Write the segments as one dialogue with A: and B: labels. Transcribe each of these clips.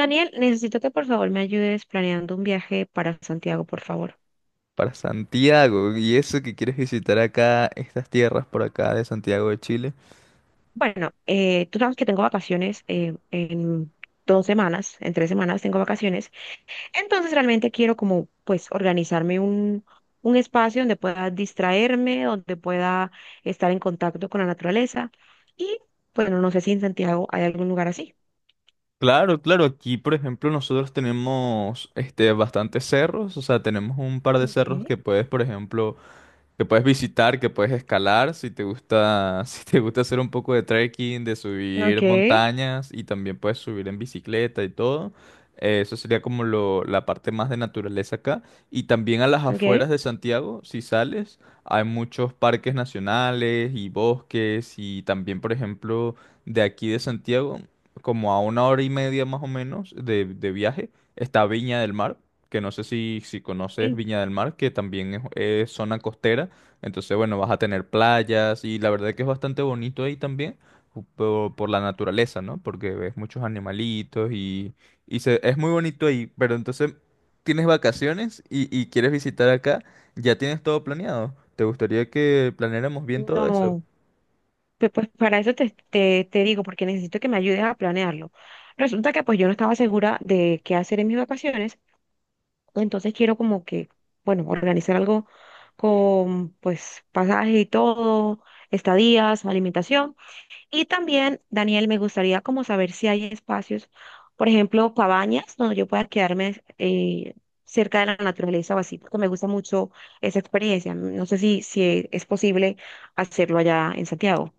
A: Daniel, necesito que por favor me ayudes planeando un viaje para Santiago, por favor.
B: Para Santiago, y eso que quieres visitar acá, estas tierras por acá de Santiago de Chile.
A: Bueno, tú sabes que tengo vacaciones en 2 semanas, en 3 semanas tengo vacaciones. Entonces realmente quiero como pues organizarme un espacio donde pueda distraerme, donde pueda estar en contacto con la naturaleza. Y bueno, no sé si en Santiago hay algún lugar así.
B: Claro, claro, aquí por ejemplo nosotros tenemos este bastantes cerros, o sea, tenemos un par de cerros
A: Okay.
B: que puedes, por ejemplo, que puedes visitar, que puedes escalar, si te gusta, si te gusta hacer un poco de trekking, de subir
A: Okay.
B: montañas y también puedes subir en bicicleta y todo. Eso sería como la parte más de naturaleza acá. Y también a las
A: ¿Ok?
B: afueras de Santiago, si sales, hay muchos parques nacionales y bosques y también, por ejemplo, de aquí de Santiago, como a una hora y media más o menos de viaje, está Viña del Mar que no sé si conoces
A: Sí.
B: Viña del Mar, que también es zona costera. Entonces, bueno, vas a tener playas y la verdad que es bastante bonito ahí también por la naturaleza, ¿no? Porque ves muchos animalitos y es muy bonito ahí. Pero entonces tienes vacaciones y quieres visitar acá, ya tienes todo planeado. ¿Te gustaría que planeáramos bien todo eso?
A: No. Pues para eso te digo, porque necesito que me ayudes a planearlo. Resulta que pues yo no estaba segura de qué hacer en mis vacaciones, entonces quiero como que, bueno, organizar algo con pues pasaje y todo, estadías, alimentación. Y también, Daniel, me gustaría como saber si hay espacios, por ejemplo, cabañas donde yo pueda quedarme cerca de la naturaleza o así, porque me gusta mucho esa experiencia. No sé si es posible hacerlo allá en Santiago.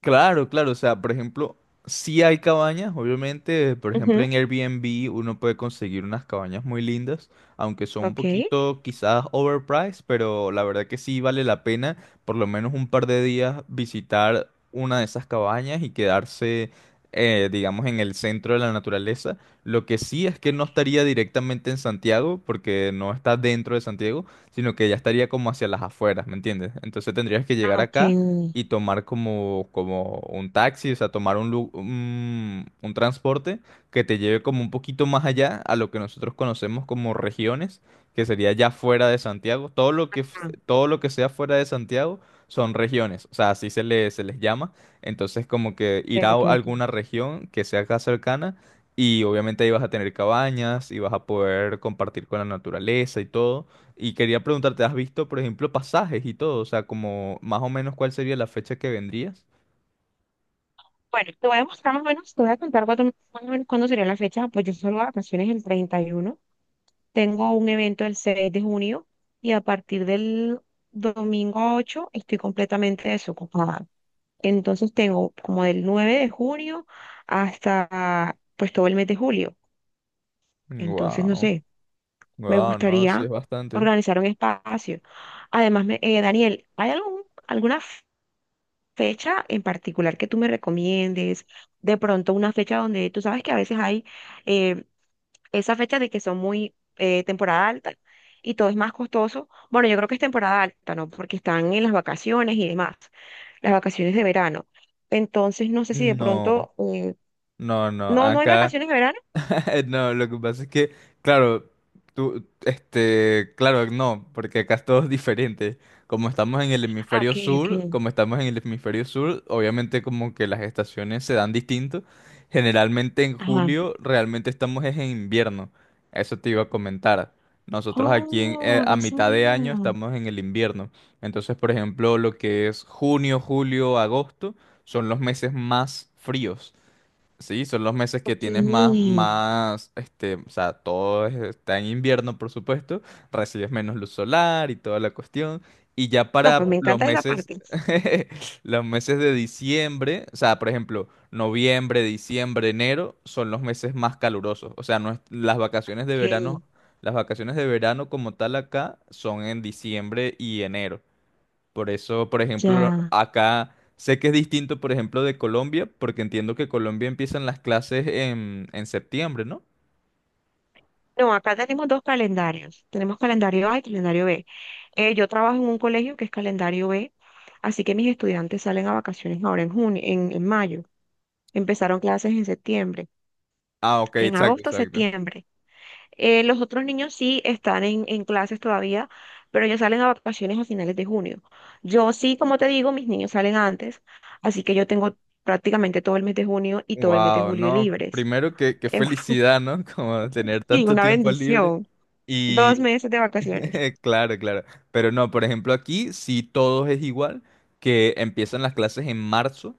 B: Claro, claro, o sea, por ejemplo, sí hay cabañas, obviamente, por ejemplo, en Airbnb uno puede conseguir unas cabañas muy lindas, aunque son un
A: Ok.
B: poquito quizás overpriced, pero la verdad que sí vale la pena por lo menos un par de días visitar una de esas cabañas y quedarse, digamos, en el centro de la naturaleza. Lo que sí es que no
A: Ok.
B: estaría directamente en Santiago, porque no está dentro de Santiago, sino que ya estaría como hacia las afueras, ¿me entiendes? Entonces tendrías que llegar
A: Ah,
B: acá
A: ok.
B: y tomar como, como un taxi, o sea, tomar un, un transporte que te lleve como un poquito más allá a lo que nosotros conocemos como regiones, que sería ya fuera de Santiago. Todo lo que, f-
A: Ah,
B: todo lo que sea fuera de Santiago son regiones, o sea, así se le, se les llama. Entonces, como que ir
A: ok,
B: a
A: ok, ok.
B: alguna región que sea acá cercana y obviamente ahí vas a tener cabañas y vas a poder compartir con la naturaleza y todo. Y quería preguntarte, ¿has visto, por ejemplo, pasajes y todo? O sea, como más o menos cuál sería la fecha que vendrías.
A: Bueno, te voy a mostrar más o menos, te voy a contar cuándo, más o menos cuándo sería la fecha. Pues yo solo vacaciones el 31. Tengo un evento el 6 de junio y a partir del domingo 8 estoy completamente desocupada. Entonces tengo como del 9 de junio hasta pues todo el mes de julio. Entonces, no
B: Wow,
A: sé, me
B: wow, no, sí es
A: gustaría
B: bastante.
A: organizar un espacio. Además, Daniel, ¿hay alguna fecha en particular que tú me recomiendes, de pronto una fecha donde tú sabes que a veces hay eh, esa fecha de que son muy temporada alta y todo es más costoso? Bueno, yo creo que es temporada alta, ¿no? Porque están en las vacaciones y demás, las vacaciones de verano. Entonces, no sé si de
B: No,
A: pronto,
B: no, no.
A: no, no hay
B: Acá,
A: vacaciones de verano.
B: no, lo que pasa es que, claro, tú, este, claro, no, porque acá es todo diferente. Como estamos en el
A: Ah,
B: hemisferio
A: ok,
B: sur,
A: ok.
B: como estamos en el hemisferio sur, obviamente como que las estaciones se dan distinto. Generalmente en
A: Ajá.
B: julio realmente estamos es en invierno. Eso te iba a comentar. Nosotros aquí
A: Oh,
B: a
A: no
B: mitad
A: sabía.
B: de año estamos en el invierno. Entonces, por ejemplo, lo que es junio, julio, agosto son los meses más fríos. Sí, son los meses que
A: Ok.
B: tienes más, más, este, o sea, está en invierno, por supuesto, recibes menos luz solar y toda la cuestión, y ya
A: No, pues
B: para
A: me
B: los
A: encanta esa
B: meses,
A: parte.
B: los meses de diciembre, o sea, por ejemplo, noviembre, diciembre, enero, son los meses más calurosos, o sea, no es- las vacaciones de
A: Ok,
B: verano, las vacaciones de verano como tal acá son en diciembre y enero. Por eso, por ejemplo,
A: ya.
B: acá sé que es distinto, por ejemplo, de Colombia, porque entiendo que Colombia empiezan las clases en septiembre, ¿no?
A: No, acá tenemos dos calendarios. Tenemos calendario A y calendario B. Yo trabajo en un colegio que es calendario B, así que mis estudiantes salen a vacaciones ahora en junio, en mayo. Empezaron clases en septiembre,
B: Ah, ok,
A: en
B: exacto,
A: agosto,
B: exacto.
A: septiembre. Los otros niños sí están en clases todavía, pero ellos salen a vacaciones a finales de junio. Yo sí, como te digo, mis niños salen antes, así que yo tengo prácticamente todo el mes de junio y todo el mes de
B: Wow,
A: julio
B: no,
A: libres.
B: primero que, qué
A: Eh,
B: felicidad, ¿no? Como tener
A: y
B: tanto
A: una
B: tiempo libre.
A: bendición.
B: Y
A: 2 meses de vacaciones.
B: claro, claro. Pero no, por ejemplo, aquí sí todo es igual, que empiezan las clases en marzo.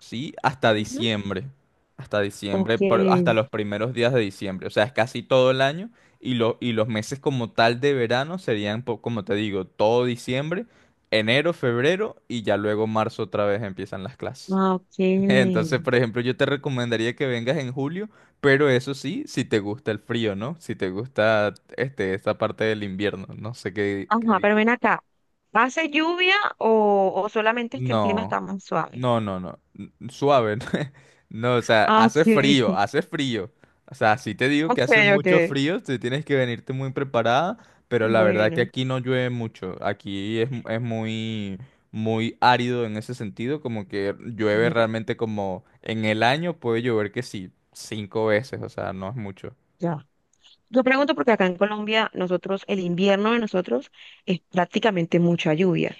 B: Sí, hasta diciembre. Hasta diciembre,
A: Ok,
B: hasta los primeros días de diciembre. O sea, es casi todo el año. Y, y los meses como tal de verano serían, como te digo, todo diciembre, enero, febrero y ya luego marzo otra vez empiezan las clases.
A: ah, ok.
B: Entonces, por ejemplo, yo te recomendaría que vengas en julio, pero eso sí, si te gusta el frío, ¿no? Si te gusta este, esta parte del invierno. No sé qué, qué.
A: Ajá, pero ven acá. ¿Hace lluvia o solamente es que el clima
B: No,
A: está más suave?
B: no, no, no. Suave. No, no, o sea,
A: Ah, ok,
B: hace frío, hace frío. O sea, si te digo que
A: ok,
B: hace
A: ok.
B: mucho frío, te tienes que venirte muy preparada, pero la verdad que
A: Bueno,
B: aquí no llueve mucho. Aquí es muy, muy árido en ese sentido, como que
A: ya,
B: llueve
A: ya.
B: realmente como en el año puede llover que sí, cinco veces, o sea, no es mucho.
A: Ya. Yo pregunto porque acá en Colombia, nosotros, el invierno de nosotros es prácticamente mucha lluvia.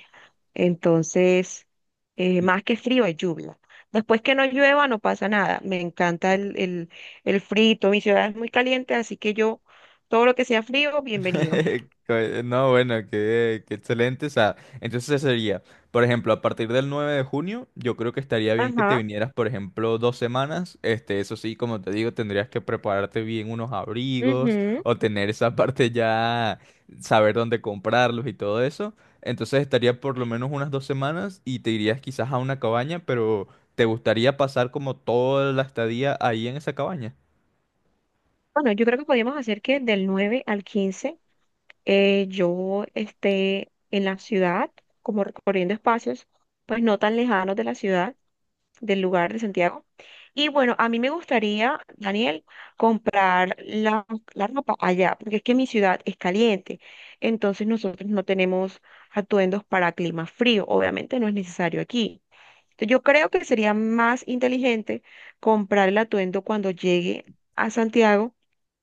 A: Entonces, más que frío es lluvia. Después que no llueva, no pasa nada. Me encanta el frito. Mi ciudad es muy caliente, así que yo, todo lo que sea frío, bienvenido.
B: No, bueno, qué, qué excelente. O sea, entonces ese sería, por ejemplo, a partir del 9 de junio, yo creo que estaría bien que te
A: Ajá.
B: vinieras, por ejemplo, dos semanas. Este, eso sí, como te digo, tendrías que prepararte bien unos abrigos
A: Ujú.
B: o tener esa parte ya, saber dónde comprarlos y todo eso. Entonces estaría por lo menos unas dos semanas y te irías quizás a una cabaña, pero ¿te gustaría pasar como toda la estadía ahí en esa cabaña?
A: Bueno, yo creo que podríamos hacer que del 9 al 15 yo esté en la ciudad, como recorriendo espacios, pues no tan lejanos de la ciudad, del lugar de Santiago. Y bueno, a mí me gustaría, Daniel, comprar la ropa allá, porque es que mi ciudad es caliente, entonces nosotros no tenemos atuendos para clima frío, obviamente no es necesario aquí. Entonces, yo creo que sería más inteligente comprar el atuendo cuando llegue a Santiago.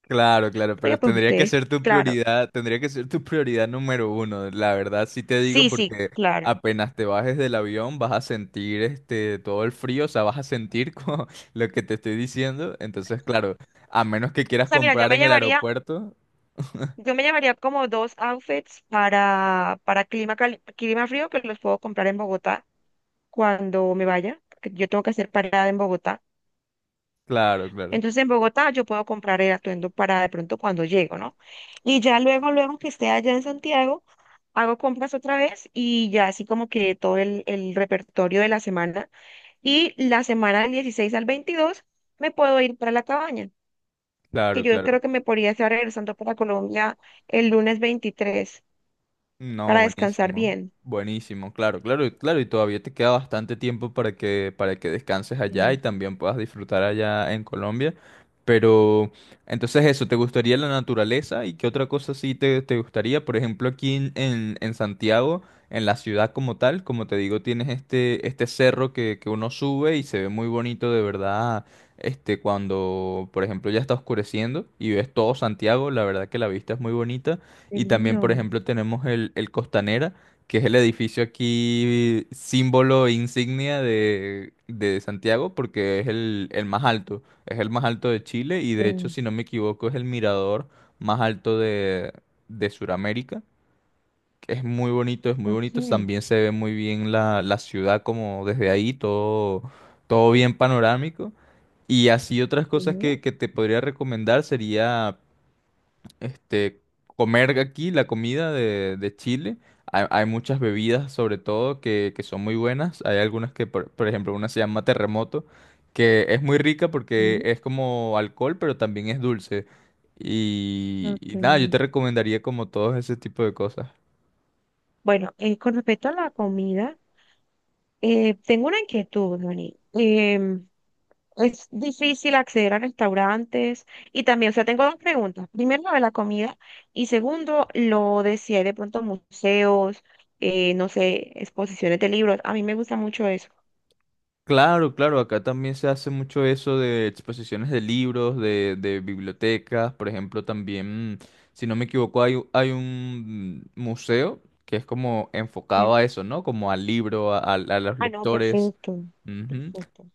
B: Claro, claro,
A: Porque
B: pero
A: pues
B: tendría que
A: ustedes,
B: ser tu
A: claro.
B: prioridad, número uno, la verdad sí te digo
A: Sí, sí,
B: porque
A: claro.
B: apenas te bajes del avión vas a sentir este todo el frío, o sea, vas a sentir como lo que te estoy diciendo, entonces claro, a menos que
A: O
B: quieras
A: sea, mira, yo
B: comprar
A: me
B: en el
A: llevaría,
B: aeropuerto,
A: yo me llevaría como dos outfits para clima, clima frío que los puedo comprar en Bogotá cuando me vaya, porque yo tengo que hacer parada en Bogotá.
B: claro, claro,
A: Entonces en Bogotá yo puedo comprar el atuendo para de pronto cuando llego, ¿no? Y ya luego, luego que esté allá en Santiago, hago compras otra vez y ya así como que todo el repertorio de la semana. Y la semana del 16 al 22 me puedo ir para la cabaña, que
B: claro,
A: yo
B: claro.
A: creo que me podría estar regresando para Colombia el lunes 23
B: No,
A: para descansar
B: buenísimo.
A: bien.
B: Buenísimo, claro, claro, claro. Y todavía te queda bastante tiempo para que descanses allá y
A: Sí.
B: también puedas disfrutar allá en Colombia. Pero, entonces eso, ¿te gustaría la naturaleza? ¿Y qué otra cosa sí te gustaría? Por ejemplo, aquí en Santiago, en la ciudad como tal, como te digo, tienes este, este cerro que uno sube y se ve muy bonito de verdad. Este, cuando, por ejemplo, ya está oscureciendo y ves todo Santiago, la verdad que la vista es muy bonita.
A: Qué
B: Y también, por
A: lindo.
B: ejemplo, tenemos el Costanera, que es el edificio aquí símbolo e insignia de Santiago, porque es el más alto, es el más alto de Chile y de hecho,
A: Sí.
B: si no me equivoco, es el mirador más alto de Sudamérica. Que Es muy bonito, es muy
A: Ok,
B: bonito. También se ve muy bien la ciudad como desde ahí, todo, todo bien panorámico. Y así otras cosas
A: mm,
B: que te podría recomendar sería este, comer aquí la comida de Chile. Hay muchas bebidas, sobre todo, que son muy buenas. Hay algunas que, por ejemplo, una se llama Terremoto, que es muy rica porque
A: mm,
B: es como alcohol, pero también es dulce. Y nada, yo
A: ok.
B: te recomendaría como todos ese tipo de cosas.
A: Bueno, con respecto a la comida, tengo una inquietud, Dani. Es difícil acceder a restaurantes y también, o sea, tengo dos preguntas. Primero, lo de la comida y segundo, lo de si hay de pronto museos, no sé, exposiciones de libros. A mí me gusta mucho eso.
B: Claro, claro, acá también se hace mucho eso de exposiciones de libros, de bibliotecas, por ejemplo, también, si no me equivoco, hay un museo que es como enfocado a eso, ¿no? Como al libro, a los
A: Ah, no,
B: lectores.
A: perfecto, perfecto.